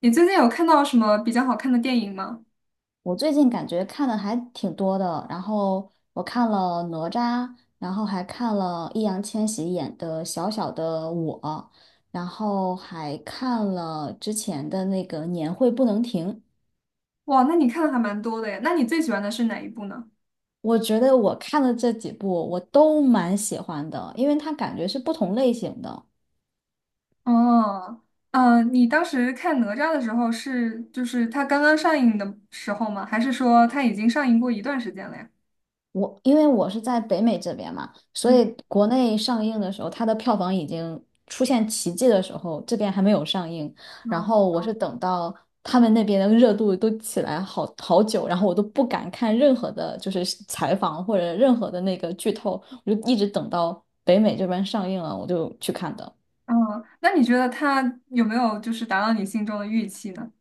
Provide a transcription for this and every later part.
你最近有看到什么比较好看的电影吗？我最近感觉看的还挺多的，然后我看了哪吒，然后还看了易烊千玺演的《小小的我》，然后还看了之前的那个《年会不能停》。哇，那你看的还蛮多的呀。那你最喜欢的是哪一部呢？我觉得我看的这几部我都蛮喜欢的，因为它感觉是不同类型的。哦，嗯，你当时看哪吒的时候是它刚刚上映的时候吗？还是说它已经上映过一段时间了呀？我因为我是在北美这边嘛，所嗯。以国内上映的时候，它的票房已经出现奇迹的时候，这边还没有上映。然嗯。后我是等到他们那边的热度都起来好好久，然后我都不敢看任何的，就是采访或者任何的那个剧透，我就一直等到北美这边上映了，我就去看的。嗯，那你觉得它有没有达到你心中的预期呢？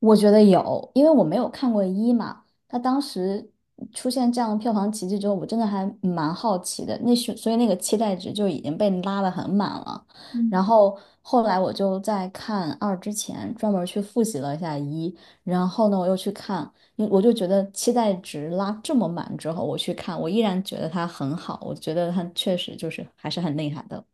我觉得有，因为我没有看过一嘛，他当时出现这样的票房奇迹之后，我真的还蛮好奇的，那是所以那个期待值就已经被拉得很满了。然嗯。后后来我就在看二之前专门去复习了一下一，然后呢我又去看，因为我就觉得期待值拉这么满之后，我去看，我依然觉得它很好，我觉得它确实就是还是很厉害的。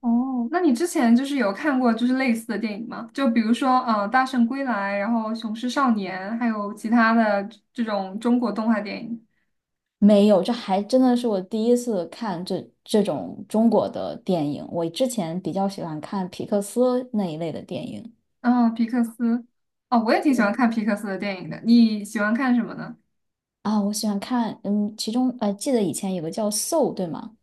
哦，那你之前有看过类似的电影吗？就比如说，《大圣归来》，然后《雄狮少年》，还有其他的这种中国动画电影。没有，这还真的是我第一次看这种中国的电影。我之前比较喜欢看皮克斯那一类的电影。哦，皮克斯。哦，我也挺喜欢对看皮克斯的电影的。你喜欢看什么呢？啊，我喜欢看，嗯，其中记得以前有个叫《Soul》，对吗？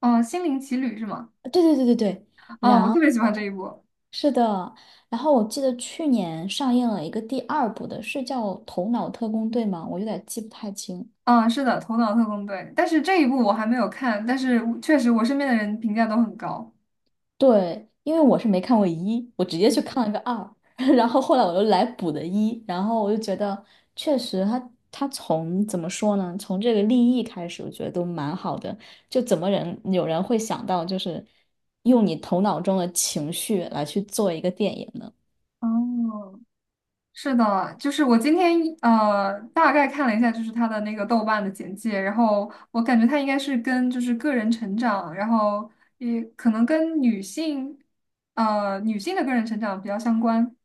哦，《心灵奇旅》是吗？对对对对对，哦，我特别喜欢这一部。是的。然后我记得去年上映了一个第二部的，是叫《头脑特工队》吗？我有点记不太清。啊，是的，《头脑特工队》，但是这一部我还没有看，但是我确实我身边的人评价都很高。对，因为我是没看过一，我直接去看了个二，然后后来我又来补的一，然后我就觉得确实他从怎么说呢，从这个立意开始，我觉得都蛮好的。就怎么人有人会想到，就是用你头脑中的情绪来去做一个电影呢？哦，是的，就是我今天大概看了一下，就是他的那个豆瓣的简介，然后我感觉他应该是跟个人成长，然后也可能跟女性女性的个人成长比较相关。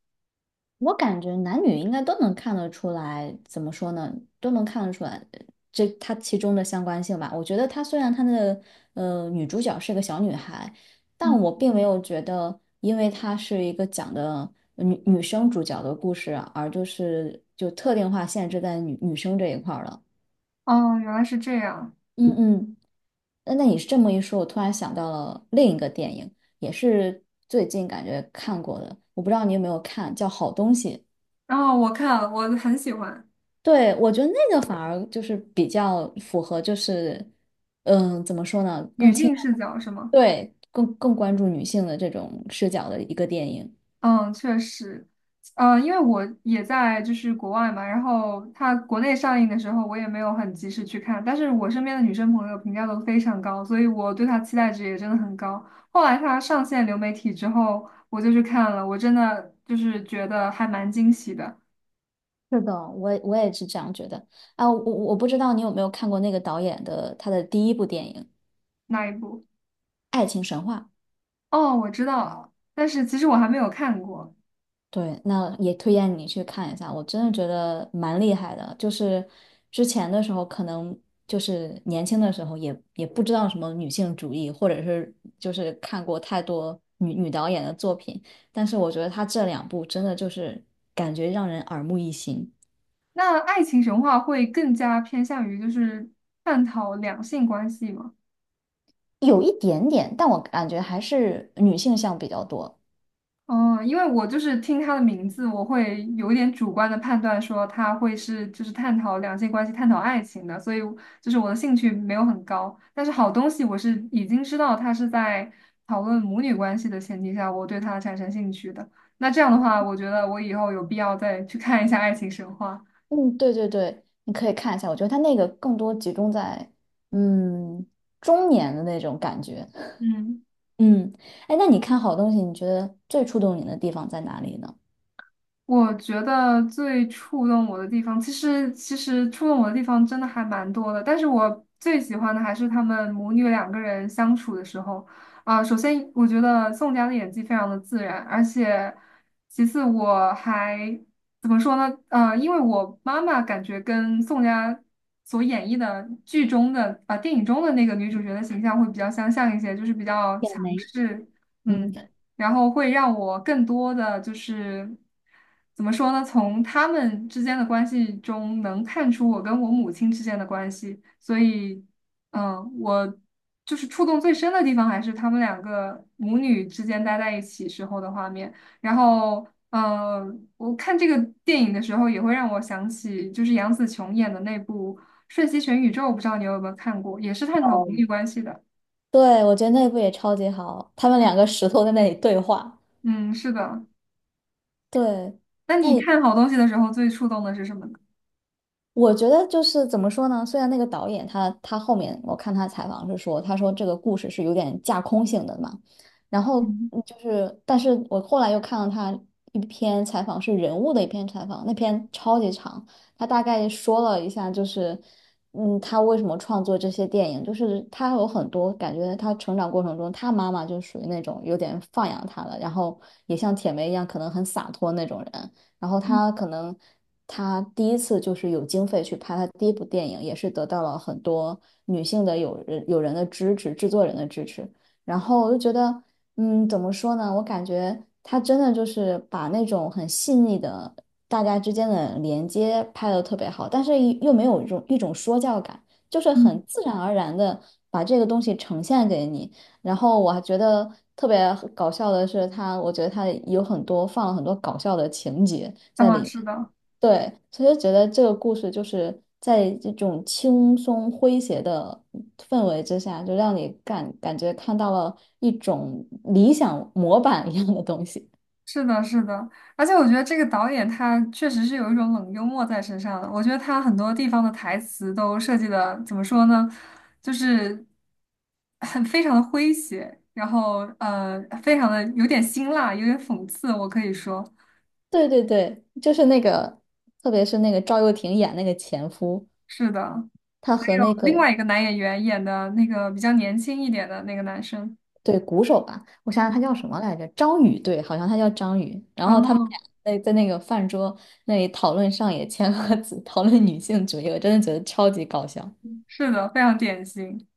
我感觉男女应该都能看得出来，怎么说呢，都能看得出来这它其中的相关性吧。我觉得她虽然她的女主角是个小女孩，但嗯。我并没有觉得，因为她是一个讲的女生主角的故事啊，而就是就特定化限制在女生这一块儿了。哦，原来是这样。嗯嗯，那你是这么一说，我突然想到了另一个电影，也是最近感觉看过的，我不知道你有没有看，叫《好东西》。然后我看了我很喜欢。对，我觉得那个反而就是比较符合，就是嗯，怎么说呢，女更倾性向视角，是吗？对更关注女性的这种视角的一个电影。嗯，确实。因为我也在国外嘛，然后它国内上映的时候，我也没有很及时去看，但是我身边的女生朋友评价都非常高，所以我对它期待值也真的很高。后来它上线流媒体之后，我就去看了，我真的觉得还蛮惊喜的是的，我也是这样觉得啊，我我不知道你有没有看过那个导演的他的第一部电影那一部。《爱情神话》。哦，我知道了，但是其实我还没有看过。对，那也推荐你去看一下，我真的觉得蛮厉害的。就是之前的时候，可能就是年轻的时候也不知道什么女性主义，或者是就是看过太多女导演的作品，但是我觉得她这两部真的就是感觉让人耳目一新，那爱情神话会更加偏向于探讨两性关系吗？有一点点，但我感觉还是女性向比较多。哦，因为我听它的名字，我会有一点主观的判断说它会是探讨两性关系、探讨爱情的，所以我的兴趣没有很高。但是好东西我是已经知道它是在讨论母女关系的前提下，我对它产生兴趣的。那这样的话，我觉得我以后有必要再去看一下《爱情神话》。嗯，对对对，你可以看一下，我觉得她那个更多集中在嗯中年的那种感觉。嗯。嗯，哎，那你看好东西，你觉得最触动你的地方在哪里呢？我觉得最触动我的地方，其实触动我的地方真的还蛮多的，但是我最喜欢的还是他们母女两个人相处的时候。啊、首先我觉得宋佳的演技非常的自然，而且其次我还怎么说呢？因为我妈妈感觉跟宋佳所演绎的剧中的啊、电影中的那个女主角的形象会比较相像一些，就是比较也强没，势。嗯。嗯，然后会让我更多的怎么说呢？从他们之间的关系中能看出我跟我母亲之间的关系，所以，嗯，我触动最深的地方还是他们两个母女之间待在一起时候的画面。然后，我看这个电影的时候也会让我想起，就是杨紫琼演的那部《瞬息全宇宙》，不知道你有没有看过，也是探讨母女关系的。对，我觉得那部也超级好，他们两个石头在那里对话。嗯，是的。对，那那你你。看好东西的时候，最触动的是什么呢？我觉得就是怎么说呢？虽然那个导演他后面我看他采访是说，他说这个故事是有点架空性的嘛，然后嗯。嗯就是，但是我后来又看了他一篇采访，是人物的一篇采访，那篇超级长，他大概说了一下，就是嗯，他为什么创作这些电影，就是他有很多感觉，他成长过程中，他妈妈就属于那种有点放养他了，然后也像铁梅一样，可能很洒脱那种人。然后他可能他第一次就是有经费去拍他第一部电影，也是得到了很多女性的友人的支持，制作人的支持。然后我就觉得，嗯，怎么说呢？我感觉他真的就是把那种很细腻的大家之间的连接拍得特别好，但是又没有一种说教感，就是嗯。很自然而然的把这个东西呈现给你。然后我还觉得特别搞笑的是他我觉得他有很多放了很多搞笑的情节在里啊，面。是的，对，其实觉得这个故事就是在这种轻松诙谐的氛围之下，就让你感觉看到了一种理想模板一样的东西。是的，是的，而且我觉得这个导演他确实是有一种冷幽默在身上的。我觉得他很多地方的台词都设计的怎么说呢，就是很非常的诙谐，然后非常的有点辛辣，有点讽刺，我可以说 对对对，就是那个，特别是那个赵又廷演那个前夫，是的。他还和有那个另外一个男演员演的那个比较年轻一点的那个男生，对，鼓手吧，我想想他叫什么来着？张宇，对，好像他叫张宇。然后他嗯，们俩在那个饭桌那里讨论上野千鹤子，讨论女性主义，我真的觉得超级搞笑。是的，非常典型，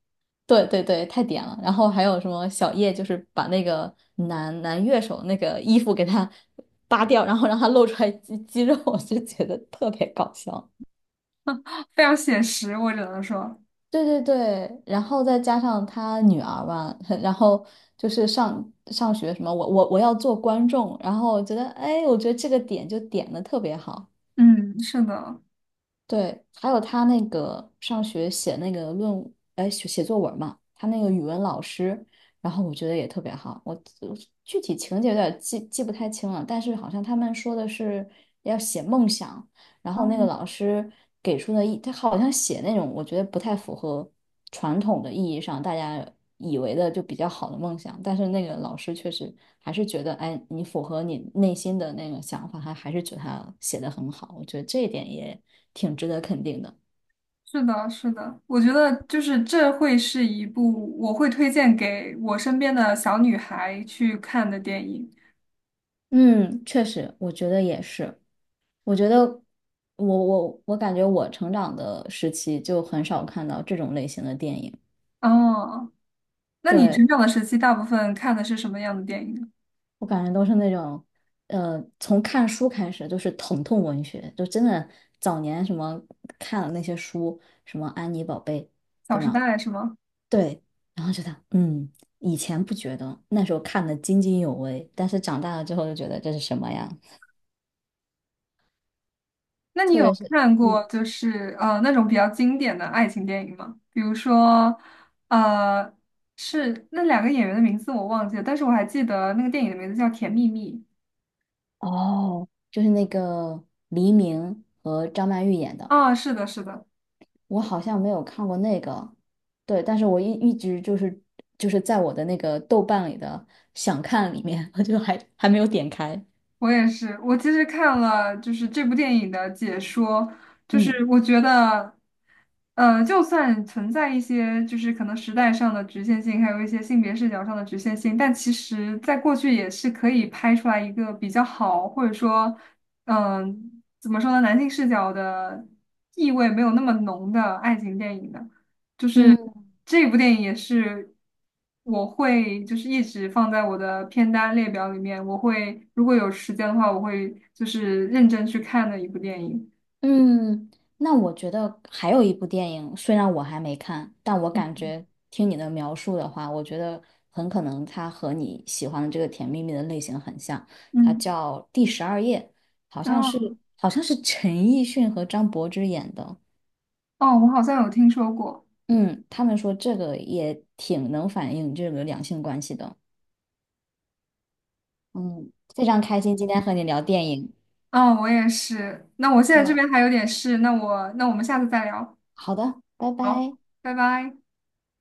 对对对，太点了。然后还有什么小叶，就是把那个男乐手那个衣服给他 扒掉，然后让他露出来肌肉，我就觉得特别搞笑。非常写实，我只能说，对对对，然后再加上他女儿吧，然后就是上学什么，我要做观众，然后我觉得，哎，我觉得这个点就点的特别好。嗯，是的。对，还有他那个上学写那个论，哎，写作文嘛，他那个语文老师，然后我觉得也特别好。我具体情节有点记不太清了，但是好像他们说的是要写梦想，然后那个嗯。老师给出的意，他好像写那种我觉得不太符合传统的意义上大家以为的就比较好的梦想，但是那个老师确实还是觉得，哎，你符合你内心的那个想法，他还是觉得他写的很好，我觉得这一点也挺值得肯定的。是的，是的，我觉得这会是一部我会推荐给我身边的小女孩去看的电影。嗯，确实，我觉得也是。我觉得我感觉我成长的时期就很少看到这种类型的电影。哦，那你对，成长的时期大部分看的是什么样的电影呢？《我感觉都是那种，从看书开始就是疼痛文学，就真的早年什么看了那些书，什么安妮宝贝，小对时吗？代》是吗？对，然后觉得，嗯，以前不觉得，那时候看的津津有味，但是长大了之后就觉得这是什么呀？那你特有别是，看过嗯，那种比较经典的爱情电影吗？比如说，呃，是那两个演员的名字我忘记了，但是我还记得那个电影的名字叫《甜蜜蜜》。哦，就是那个黎明和张曼玉演的。啊，是的，是的。我好像没有看过那个，对，但是我一直就是就是在我的那个豆瓣里的想看里面，我就还没有点开。我也是，我其实看了这部电影的解说，就嗯是我觉得，就算存在一些可能时代上的局限性，还有一些性别视角上的局限性，但其实在过去也是可以拍出来一个比较好，或者说，嗯、怎么说呢，男性视角的意味没有那么浓的爱情电影的。就是嗯这部电影也是我会一直放在我的片单列表里面，我会如果有时间的话，我会认真去看的一部电影。嗯，那我觉得还有一部电影，虽然我还没看，但我感嗯。觉听你的描述的话，我觉得很可能它和你喜欢的这个《甜蜜蜜》的类型很像，它嗯，叫《第十二夜》，好然像是后。好像是陈奕迅和张柏芝演的。哦，我好像有听说过。嗯，他们说这个也挺能反映这个两性关系的。嗯，非常开心今天和你聊电影。哦，我也是。那我现在这嗯，边还有点事，那我们下次再聊。好的，拜好，拜。拜拜。